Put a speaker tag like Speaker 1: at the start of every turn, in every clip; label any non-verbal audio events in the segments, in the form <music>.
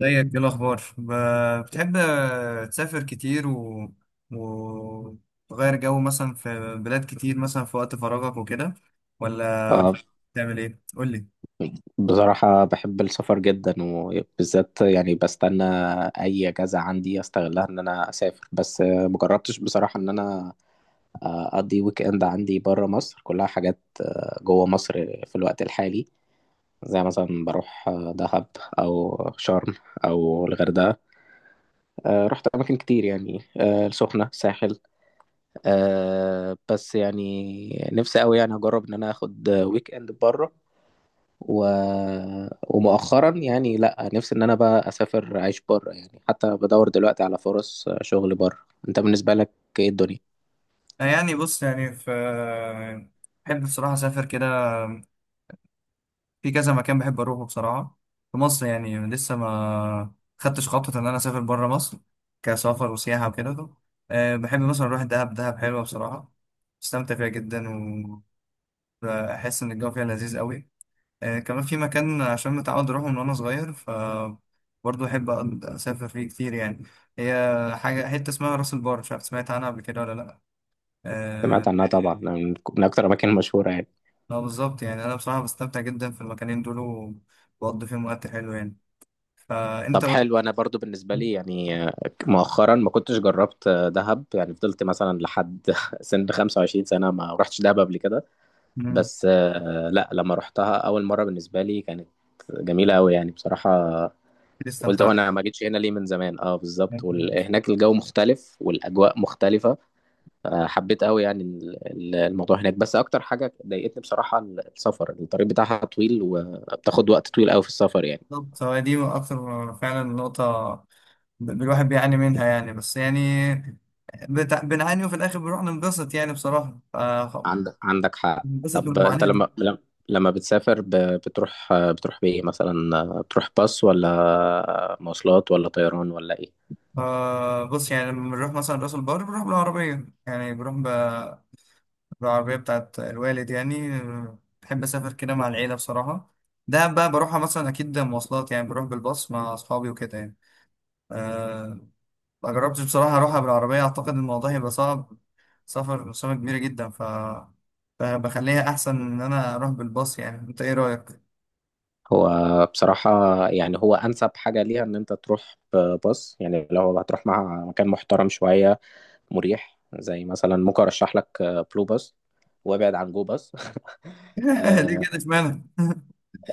Speaker 1: زيك، ايه الاخبار؟ بتحب تسافر كتير وتغير جو مثلا في بلاد كتير، مثلا في وقت فراغك وكده، ولا
Speaker 2: آه،
Speaker 1: بتعمل ايه؟ قول لي.
Speaker 2: بصراحة بحب السفر جدا وبالذات يعني بستنى أي أجازة عندي أستغلها إن أنا أسافر. بس مجربتش بصراحة إن أنا أقضي ويك إند عندي برا مصر، كلها حاجات جوا مصر في الوقت الحالي. زي مثلا بروح دهب أو شرم أو الغردقة. رحت أماكن كتير يعني السخنة، ساحل. بس يعني نفسي أوي يعني أجرب إن أنا آخد ويك إند بره. و... ومؤخرا يعني لا، نفسي ان انا بقى اسافر اعيش بره، يعني حتى بدور دلوقتي على فرص شغل بره. انت بالنسبه لك ايه الدنيا؟
Speaker 1: يعني بص، يعني في. بحب بصراحة اسافر كده، في كذا مكان بحب اروحه بصراحة، في مصر. يعني لسه ما خدتش خطوة ان انا اسافر بره مصر كسفر وسياحة وكده. بحب مثلا اروح دهب. دهب حلوة بصراحة، استمتع فيها جدا، وبحس ان الجو فيها لذيذ قوي. كمان في مكان عشان متعود أروحه من وأنا صغير، ف برضه أحب أقعد أسافر فيه كتير يعني. هي حاجة، حتة اسمها راس البر، مش عارف سمعت عنها قبل كده ولا لأ؟ آه،
Speaker 2: سمعت عنها طبعا، من اكتر الاماكن المشهوره يعني.
Speaker 1: لا، بالظبط. يعني أنا بصراحة بستمتع جدا في المكانين دول، وبقضي فيهم وقت حلو يعني. فأنت
Speaker 2: طب
Speaker 1: بقى-
Speaker 2: حلو، انا برضو بالنسبه لي يعني مؤخرا ما كنتش جربت دهب، يعني فضلت مثلا لحد <laughs> سن 25 سنه ما رحتش دهب قبل كده.
Speaker 1: مم،
Speaker 2: بس لا، لما رحتها اول مره بالنسبه لي كانت جميله قوي يعني بصراحه.
Speaker 1: كتير
Speaker 2: قلت هو
Speaker 1: استمتعت.
Speaker 2: انا ما جيتش هنا ليه من زمان؟ اه بالظبط، وهناك الجو مختلف والاجواء مختلفه. حبيت قوي يعني الموضوع هناك، بس اكتر حاجه ضايقتني بصراحه السفر، الطريق بتاعها طويل وبتاخد وقت طويل قوي في السفر يعني.
Speaker 1: بالظبط، هو دي أكتر فعلا نقطة. الواحد بيعاني منها يعني، بس يعني بنعاني وفي الآخر بنروح ننبسط، يعني بصراحة
Speaker 2: عندك حق.
Speaker 1: بننبسط من
Speaker 2: طب انت
Speaker 1: المعاناة.
Speaker 2: لما بتسافر بتروح بايه مثلا؟ بتروح باص ولا مواصلات ولا طيران ولا ايه؟
Speaker 1: بص، يعني لما بنروح مثلا راس البر بنروح بالعربية، يعني بالعربية بتاعت الوالد يعني. بحب أسافر كده مع العيلة بصراحة. ده بقى بروحها مثلا أكيد مواصلات، يعني بروح بالباص مع أصحابي وكده يعني. آه ما جربتش بصراحة أروحها بالعربية، أعتقد الموضوع هيبقى صعب، سفر مسافة كبيرة جدا، فبخليها أحسن إن أنا أروح بالباص. يعني أنت إيه رأيك؟
Speaker 2: هو بصراحة يعني هو أنسب حاجة ليها إن أنت تروح باص، يعني لو هتروح مع مكان محترم شوية مريح زي مثلا، ممكن ارشح لك بلو باس وابعد عن جو باس <laughs>
Speaker 1: <laughs> ليه كده
Speaker 2: آه.
Speaker 1: إشمعنى؟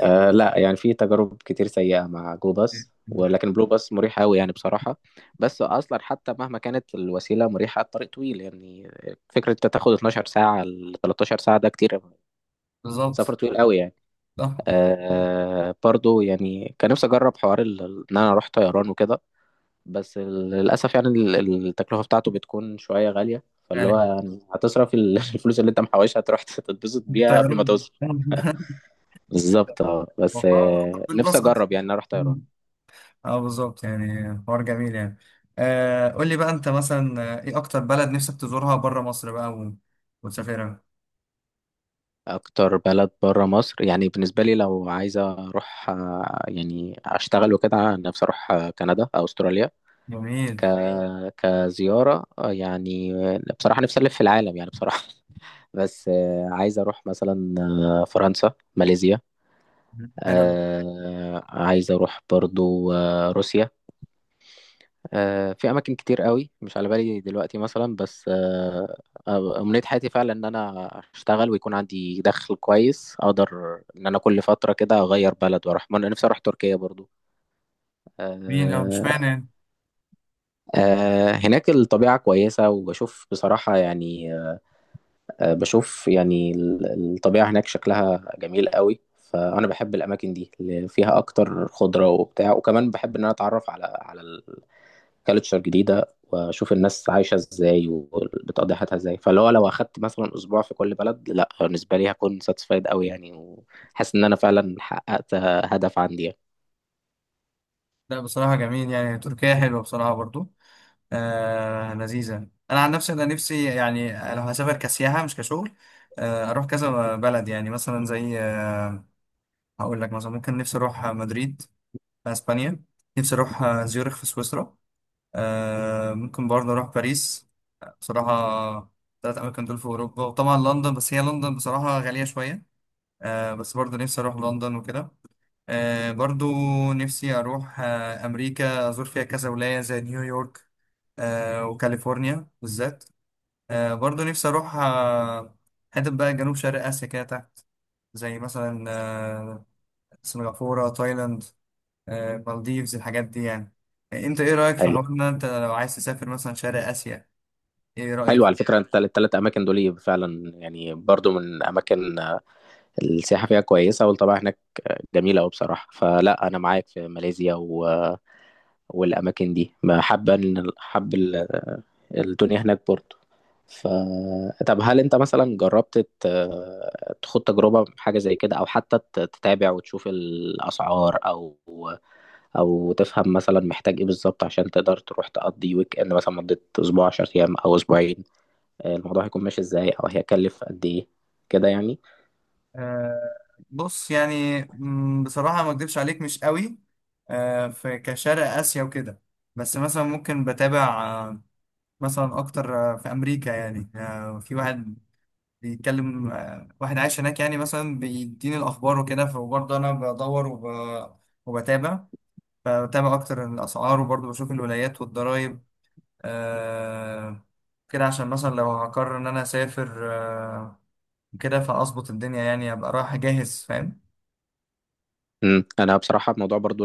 Speaker 2: آه لا، يعني في تجارب كتير سيئة مع جو باس، ولكن بلو باس مريح قوي يعني بصراحة. بس اصلا حتى مهما كانت الوسيلة مريحة، الطريق طويل يعني. فكرة انت تاخد 12 ساعة ل 13 ساعة ده كتير، سفر
Speaker 1: بالظبط،
Speaker 2: طويل قوي يعني.
Speaker 1: صح.
Speaker 2: آه برضو يعني كان نفسي اجرب حوار ان انا اروح طيران وكده. بس للأسف يعني التكلفة بتاعته بتكون شوية غالية، فاللي هو
Speaker 1: يعني
Speaker 2: يعني هتصرف <laughs> الفلوس اللي انت محوشها تروح تتبسط بيها قبل ما
Speaker 1: الطيران
Speaker 2: توصل.
Speaker 1: <laughs>
Speaker 2: بالظبط اه، بس
Speaker 1: وحوار
Speaker 2: نفسي
Speaker 1: بالباص احسن.
Speaker 2: اجرب يعني اروح طيران.
Speaker 1: مم. اه، بالظبط، يعني حوار جميل يعني. قول لي بقى انت مثلا، ايه اكتر بلد نفسك تزورها بره مصر بقى وتسافرها؟
Speaker 2: اكتر بلد بره مصر يعني بالنسبة لي، لو عايزة اروح يعني اشتغل وكده، نفسي اروح كندا او استراليا.
Speaker 1: جميل.
Speaker 2: ك... كزيارة يعني بصراحة نفسي ألف في العالم يعني بصراحة. <laughs> بس عايز أروح مثلا فرنسا، ماليزيا.
Speaker 1: مم. حلو أوي.
Speaker 2: آه عايز اروح برضو آه روسيا. آه في اماكن كتير قوي مش على بالي دلوقتي مثلا، بس آه امنية حياتي فعلا ان انا اشتغل ويكون عندي دخل كويس اقدر ان انا كل فترة كده اغير بلد واروح. ما انا نفسي اروح تركيا برضو
Speaker 1: جميل. اه، مش معنى
Speaker 2: آه.
Speaker 1: يعني.
Speaker 2: آه هناك الطبيعة كويسة وبشوف بصراحة يعني بشوف يعني الطبيعة هناك شكلها جميل قوي. فأنا بحب الأماكن دي اللي فيها أكتر خضرة وبتاع، وكمان بحب إن أنا أتعرف على الكالتشر جديدة وأشوف الناس عايشة إزاي وبتقضي حياتها إزاي. فاللي هو لو أخدت مثلا أسبوع في كل بلد، لأ بالنسبة لي هكون ساتسفايد قوي يعني، وحاسس إن أنا فعلا حققت هدف عندي يعني.
Speaker 1: لا، بصراحة جميل. يعني تركيا حلوة بصراحة برضو، لذيذة. انا عن نفسي، انا نفسي يعني لو هسافر كسياحة مش كشغل، اروح كذا بلد، يعني مثلا زي آه هقول لك مثلا، ممكن نفسي اروح مدريد في اسبانيا. نفسي اروح زيورخ في سويسرا. ممكن برضه أروح باريس بصراحة. تلات أماكن دول في أوروبا، وطبعا لندن، بس هي لندن بصراحة غالية شوية. بس برضه نفسي أروح لندن وكده. برضه نفسي أروح أمريكا، أزور فيها كذا ولاية زي نيويورك وكاليفورنيا بالذات. برضه نفسي أروح حتة بقى جنوب شرق آسيا كده تحت، زي مثلا سنغافورة، تايلاند، مالديفز، الحاجات دي يعني. انت ايه رأيك في
Speaker 2: حلو.
Speaker 1: حوارنا، انت لو عايز تسافر مثلا شرق آسيا، ايه
Speaker 2: حلو
Speaker 1: رأيك؟
Speaker 2: على فكرة، التلات أماكن دول فعلا يعني برضو من أماكن السياحة فيها كويسة، والطبيعة هناك جميلة أوي بصراحة. فلا أنا معاك في ماليزيا والأماكن دي، ما حابة إن حب الدنيا هناك برضه. ف طب هل أنت مثلا جربت تخوض تجربة حاجة زي كده، أو حتى تتابع وتشوف الأسعار أو تفهم مثلا محتاج إيه بالظبط عشان تقدر تروح تقضي ويك إند مثلا مدة أسبوع، 10 أيام أو أسبوعين، الموضوع هيكون ماشي إزاي أو هيكلف قد إيه كده يعني؟
Speaker 1: آه بص، يعني بصراحة ما اكدبش عليك، مش قوي في كشرق آسيا وكده. بس مثلا ممكن بتابع، مثلا اكتر، في امريكا. يعني في واحد بيتكلم، واحد عايش هناك يعني، مثلا بيديني الاخبار وكده. فبرضه انا بدور وبتابع، فبتابع اكتر الاسعار وبرضه بشوف الولايات والضرايب. آه كده، عشان مثلا لو هقرر ان انا اسافر كده، فاظبط الدنيا يعني، ابقى رايح جاهز فاهم.
Speaker 2: أنا بصراحة الموضوع برضو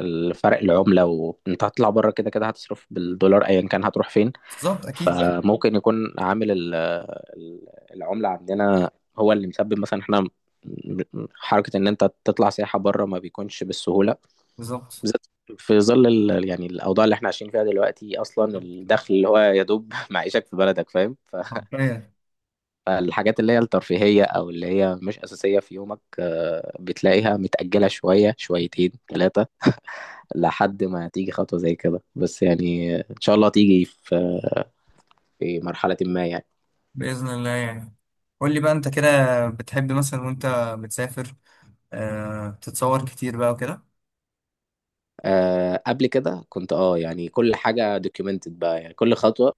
Speaker 2: الفرق، العملة، وانت هتطلع بره كده كده هتصرف بالدولار ايا كان هتروح فين.
Speaker 1: بالظبط، اكيد.
Speaker 2: بالظبط، فممكن يكون عامل ال- العملة عندنا هو اللي مسبب مثلا احنا حركة ان انت تطلع سياحة بره ما بيكونش بالسهولة،
Speaker 1: بالظبط.
Speaker 2: بالذات في ظل يعني الاوضاع اللي احنا عايشين فيها دلوقتي. اصلا
Speaker 1: بالظبط كده.
Speaker 2: الدخل اللي هو يا دوب <laughs> معيشك في بلدك، فاهم؟
Speaker 1: حرفيا.
Speaker 2: فالحاجات اللي هي الترفيهية او اللي هي مش اساسية في يومك بتلاقيها متأجلة شوية، شويتين، ثلاثة، لحد ما تيجي خطوة زي كده. بس يعني إن شاء الله تيجي في في مرحلة ما يعني.
Speaker 1: باذن الله يعني. قول لي بقى انت كده، بتحب مثلا وانت بتسافر تتصور كتير بقى وكده؟
Speaker 2: أه قبل كده كنت اه يعني كل حاجة دوكيومنتد بقى، يعني كل خطوة.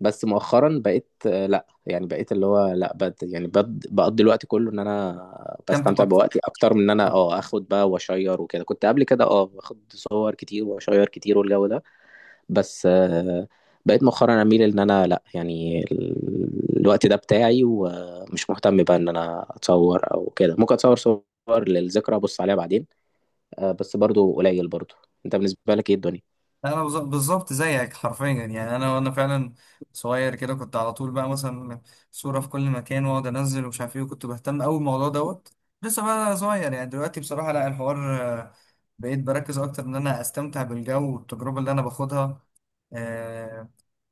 Speaker 2: بس مؤخرا بقيت لا، يعني بقيت اللي هو لا بد يعني بد بقضي الوقت كله ان انا
Speaker 1: تمتع
Speaker 2: بستمتع
Speaker 1: اكتر.
Speaker 2: بوقتي اكتر من ان انا اه اخد بقى واشير وكده. كنت قبل كده اه باخد صور كتير واشير كتير والجو ده. بس بقيت مؤخرا اميل ان انا لا، يعني الوقت ده بتاعي ومش مهتم بقى ان انا اتصور او كده. ممكن اتصور صور للذكرى ابص عليها بعدين بس برضو قليل برضو. انت بالنسبة لك ايه الدنيا؟
Speaker 1: بالظبط زيك حرفيا يعني. انا وانا فعلا صغير كده، كنت على طول بقى مثلا صورة في كل مكان، واقعد انزل ومش عارف ايه، وكنت بهتم قوي بالموضوع دوت لسه بقى صغير يعني. دلوقتي بصراحة لا، الحوار بقيت بركز اكتر ان انا استمتع بالجو والتجربة اللي انا باخدها، آه،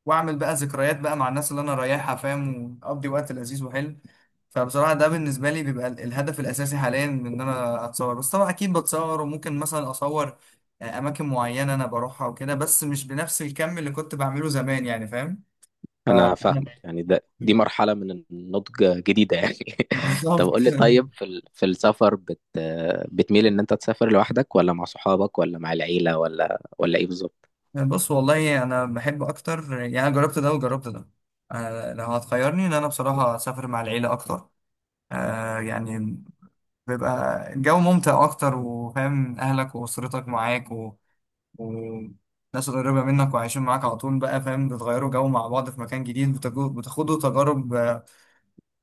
Speaker 1: واعمل بقى ذكريات بقى مع الناس اللي انا رايحها فاهم، واقضي وقت لذيذ وحلو. فبصراحه ده بالنسبه لي بيبقى الهدف الاساسي حاليا من ان انا اتصور. بس طبعا اكيد بتصور، وممكن مثلا اصور اماكن معينه انا بروحها وكده، بس مش بنفس الكم اللي كنت بعمله زمان يعني فاهم.
Speaker 2: انا فاهمك،
Speaker 1: فأنا-
Speaker 2: يعني ده دي مرحلة من النضج جديدة يعني. <laughs> طب
Speaker 1: بالظبط.
Speaker 2: قول لي،
Speaker 1: <laughs>
Speaker 2: طيب في في السفر بتميل ان انت تسافر لوحدك ولا مع صحابك ولا مع العيلة ولا ولا ايه بالظبط؟
Speaker 1: بص، والله انا بحب اكتر يعني. أنا جربت ده وجربت ده. لو هتخيرني، ان انا بصراحه اسافر مع العيله اكتر. يعني بيبقى الجو ممتع أكتر، وفاهم أهلك وأسرتك معاك وناس قريبة منك وعايشين معاك على طول بقى فاهم، بتغيروا جو مع بعض في مكان جديد، بتاخدوا تجارب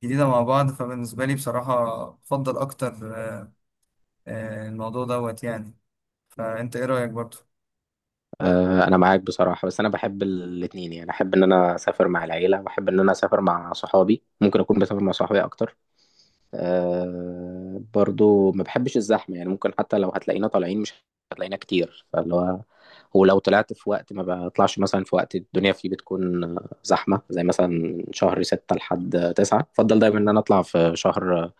Speaker 1: جديدة مع بعض. فبالنسبة لي بصراحة بفضل أكتر، الموضوع دوت يعني. فأنت إيه رأيك برضه؟
Speaker 2: انا معاك بصراحه، بس انا بحب الاثنين، يعني احب ان انا اسافر مع العيله واحب ان انا اسافر مع صحابي. ممكن اكون بسافر مع صحابي اكتر. أه برضو ما بحبش الزحمه، يعني ممكن حتى لو هتلاقينا طالعين مش هتلاقينا كتير فاللي هو. ولو طلعت في وقت ما بطلعش مثلا في وقت الدنيا فيه بتكون زحمه زي مثلا من شهر ستة لحد تسعة. بفضل دايما ان انا اطلع في شهر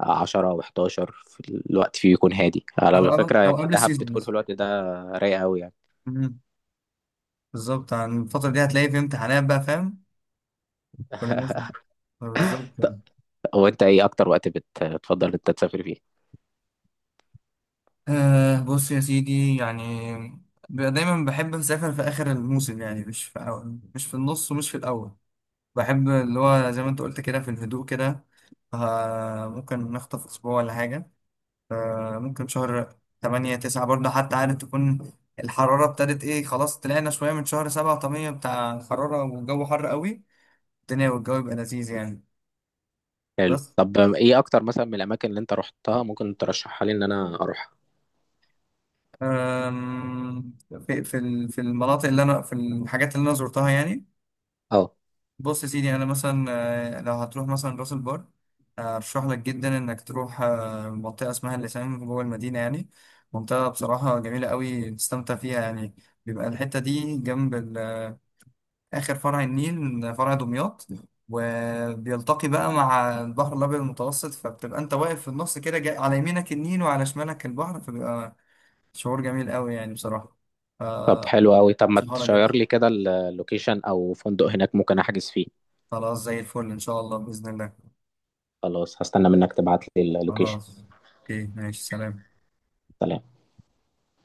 Speaker 2: عشرة و11، في الوقت فيه يكون هادي على
Speaker 1: أو أو
Speaker 2: فكره. يعني
Speaker 1: أو قبل
Speaker 2: دهب
Speaker 1: السيزون
Speaker 2: بتكون في
Speaker 1: مثلا.
Speaker 2: الوقت ده رايقه قوي يعني.
Speaker 1: مم. بالظبط، عن الفترة دي هتلاقي في امتحانات بقى فاهم؟ كل الناس.
Speaker 2: <laughs>
Speaker 1: بالظبط.
Speaker 2: هو انت ايه اكتر وقت بتفضل انت تسافر فيه؟
Speaker 1: أه، بص يا سيدي يعني. دايما بحب أسافر في آخر الموسم، يعني مش في أول، مش في النص، ومش في الأول. بحب اللي هو زي ما أنت قلت كده، في الهدوء كده. أه ممكن نخطف أسبوع ولا حاجة. أه ممكن شهر 8 9 برضه، حتى عارف تكون الحرارة ابتدت إيه، خلاص طلعنا شوية من شهر 7، طبيعي بتاع الحرارة والجو حر قوي، الدنيا والجو يبقى لذيذ يعني.
Speaker 2: حلو،
Speaker 1: بس،
Speaker 2: طب ايه اكتر مثلا من الاماكن اللي انت رحتها ممكن ترشحها لي ان انا اروحها؟
Speaker 1: أم، في في المناطق اللي أنا في، الحاجات اللي أنا زرتها يعني.
Speaker 2: اه.
Speaker 1: بص يا سيدي، انا مثلا لو هتروح مثلا راس البر، ارشح لك جدا انك تروح منطقه اسمها اللسان جوه المدينه يعني. منطقه بصراحه جميله قوي، تستمتع فيها يعني. بيبقى الحته دي جنب اخر فرع النيل، فرع دمياط، وبيلتقي بقى مع البحر الابيض المتوسط، فبتبقى انت واقف في النص كده، على يمينك النيل وعلى شمالك البحر، فبيبقى شعور جميل قوي يعني بصراحه. ف-
Speaker 2: طب حلو قوي، طب ما
Speaker 1: شهاره جدا.
Speaker 2: تشير لي كده اللوكيشن او فندق هناك ممكن احجز فيه.
Speaker 1: خلاص، زي الفل، ان شاء الله، باذن الله.
Speaker 2: خلاص، هستنى منك تبعت لي اللوكيشن.
Speaker 1: خلاص، اوكي، ماشي. سلام.
Speaker 2: سلام.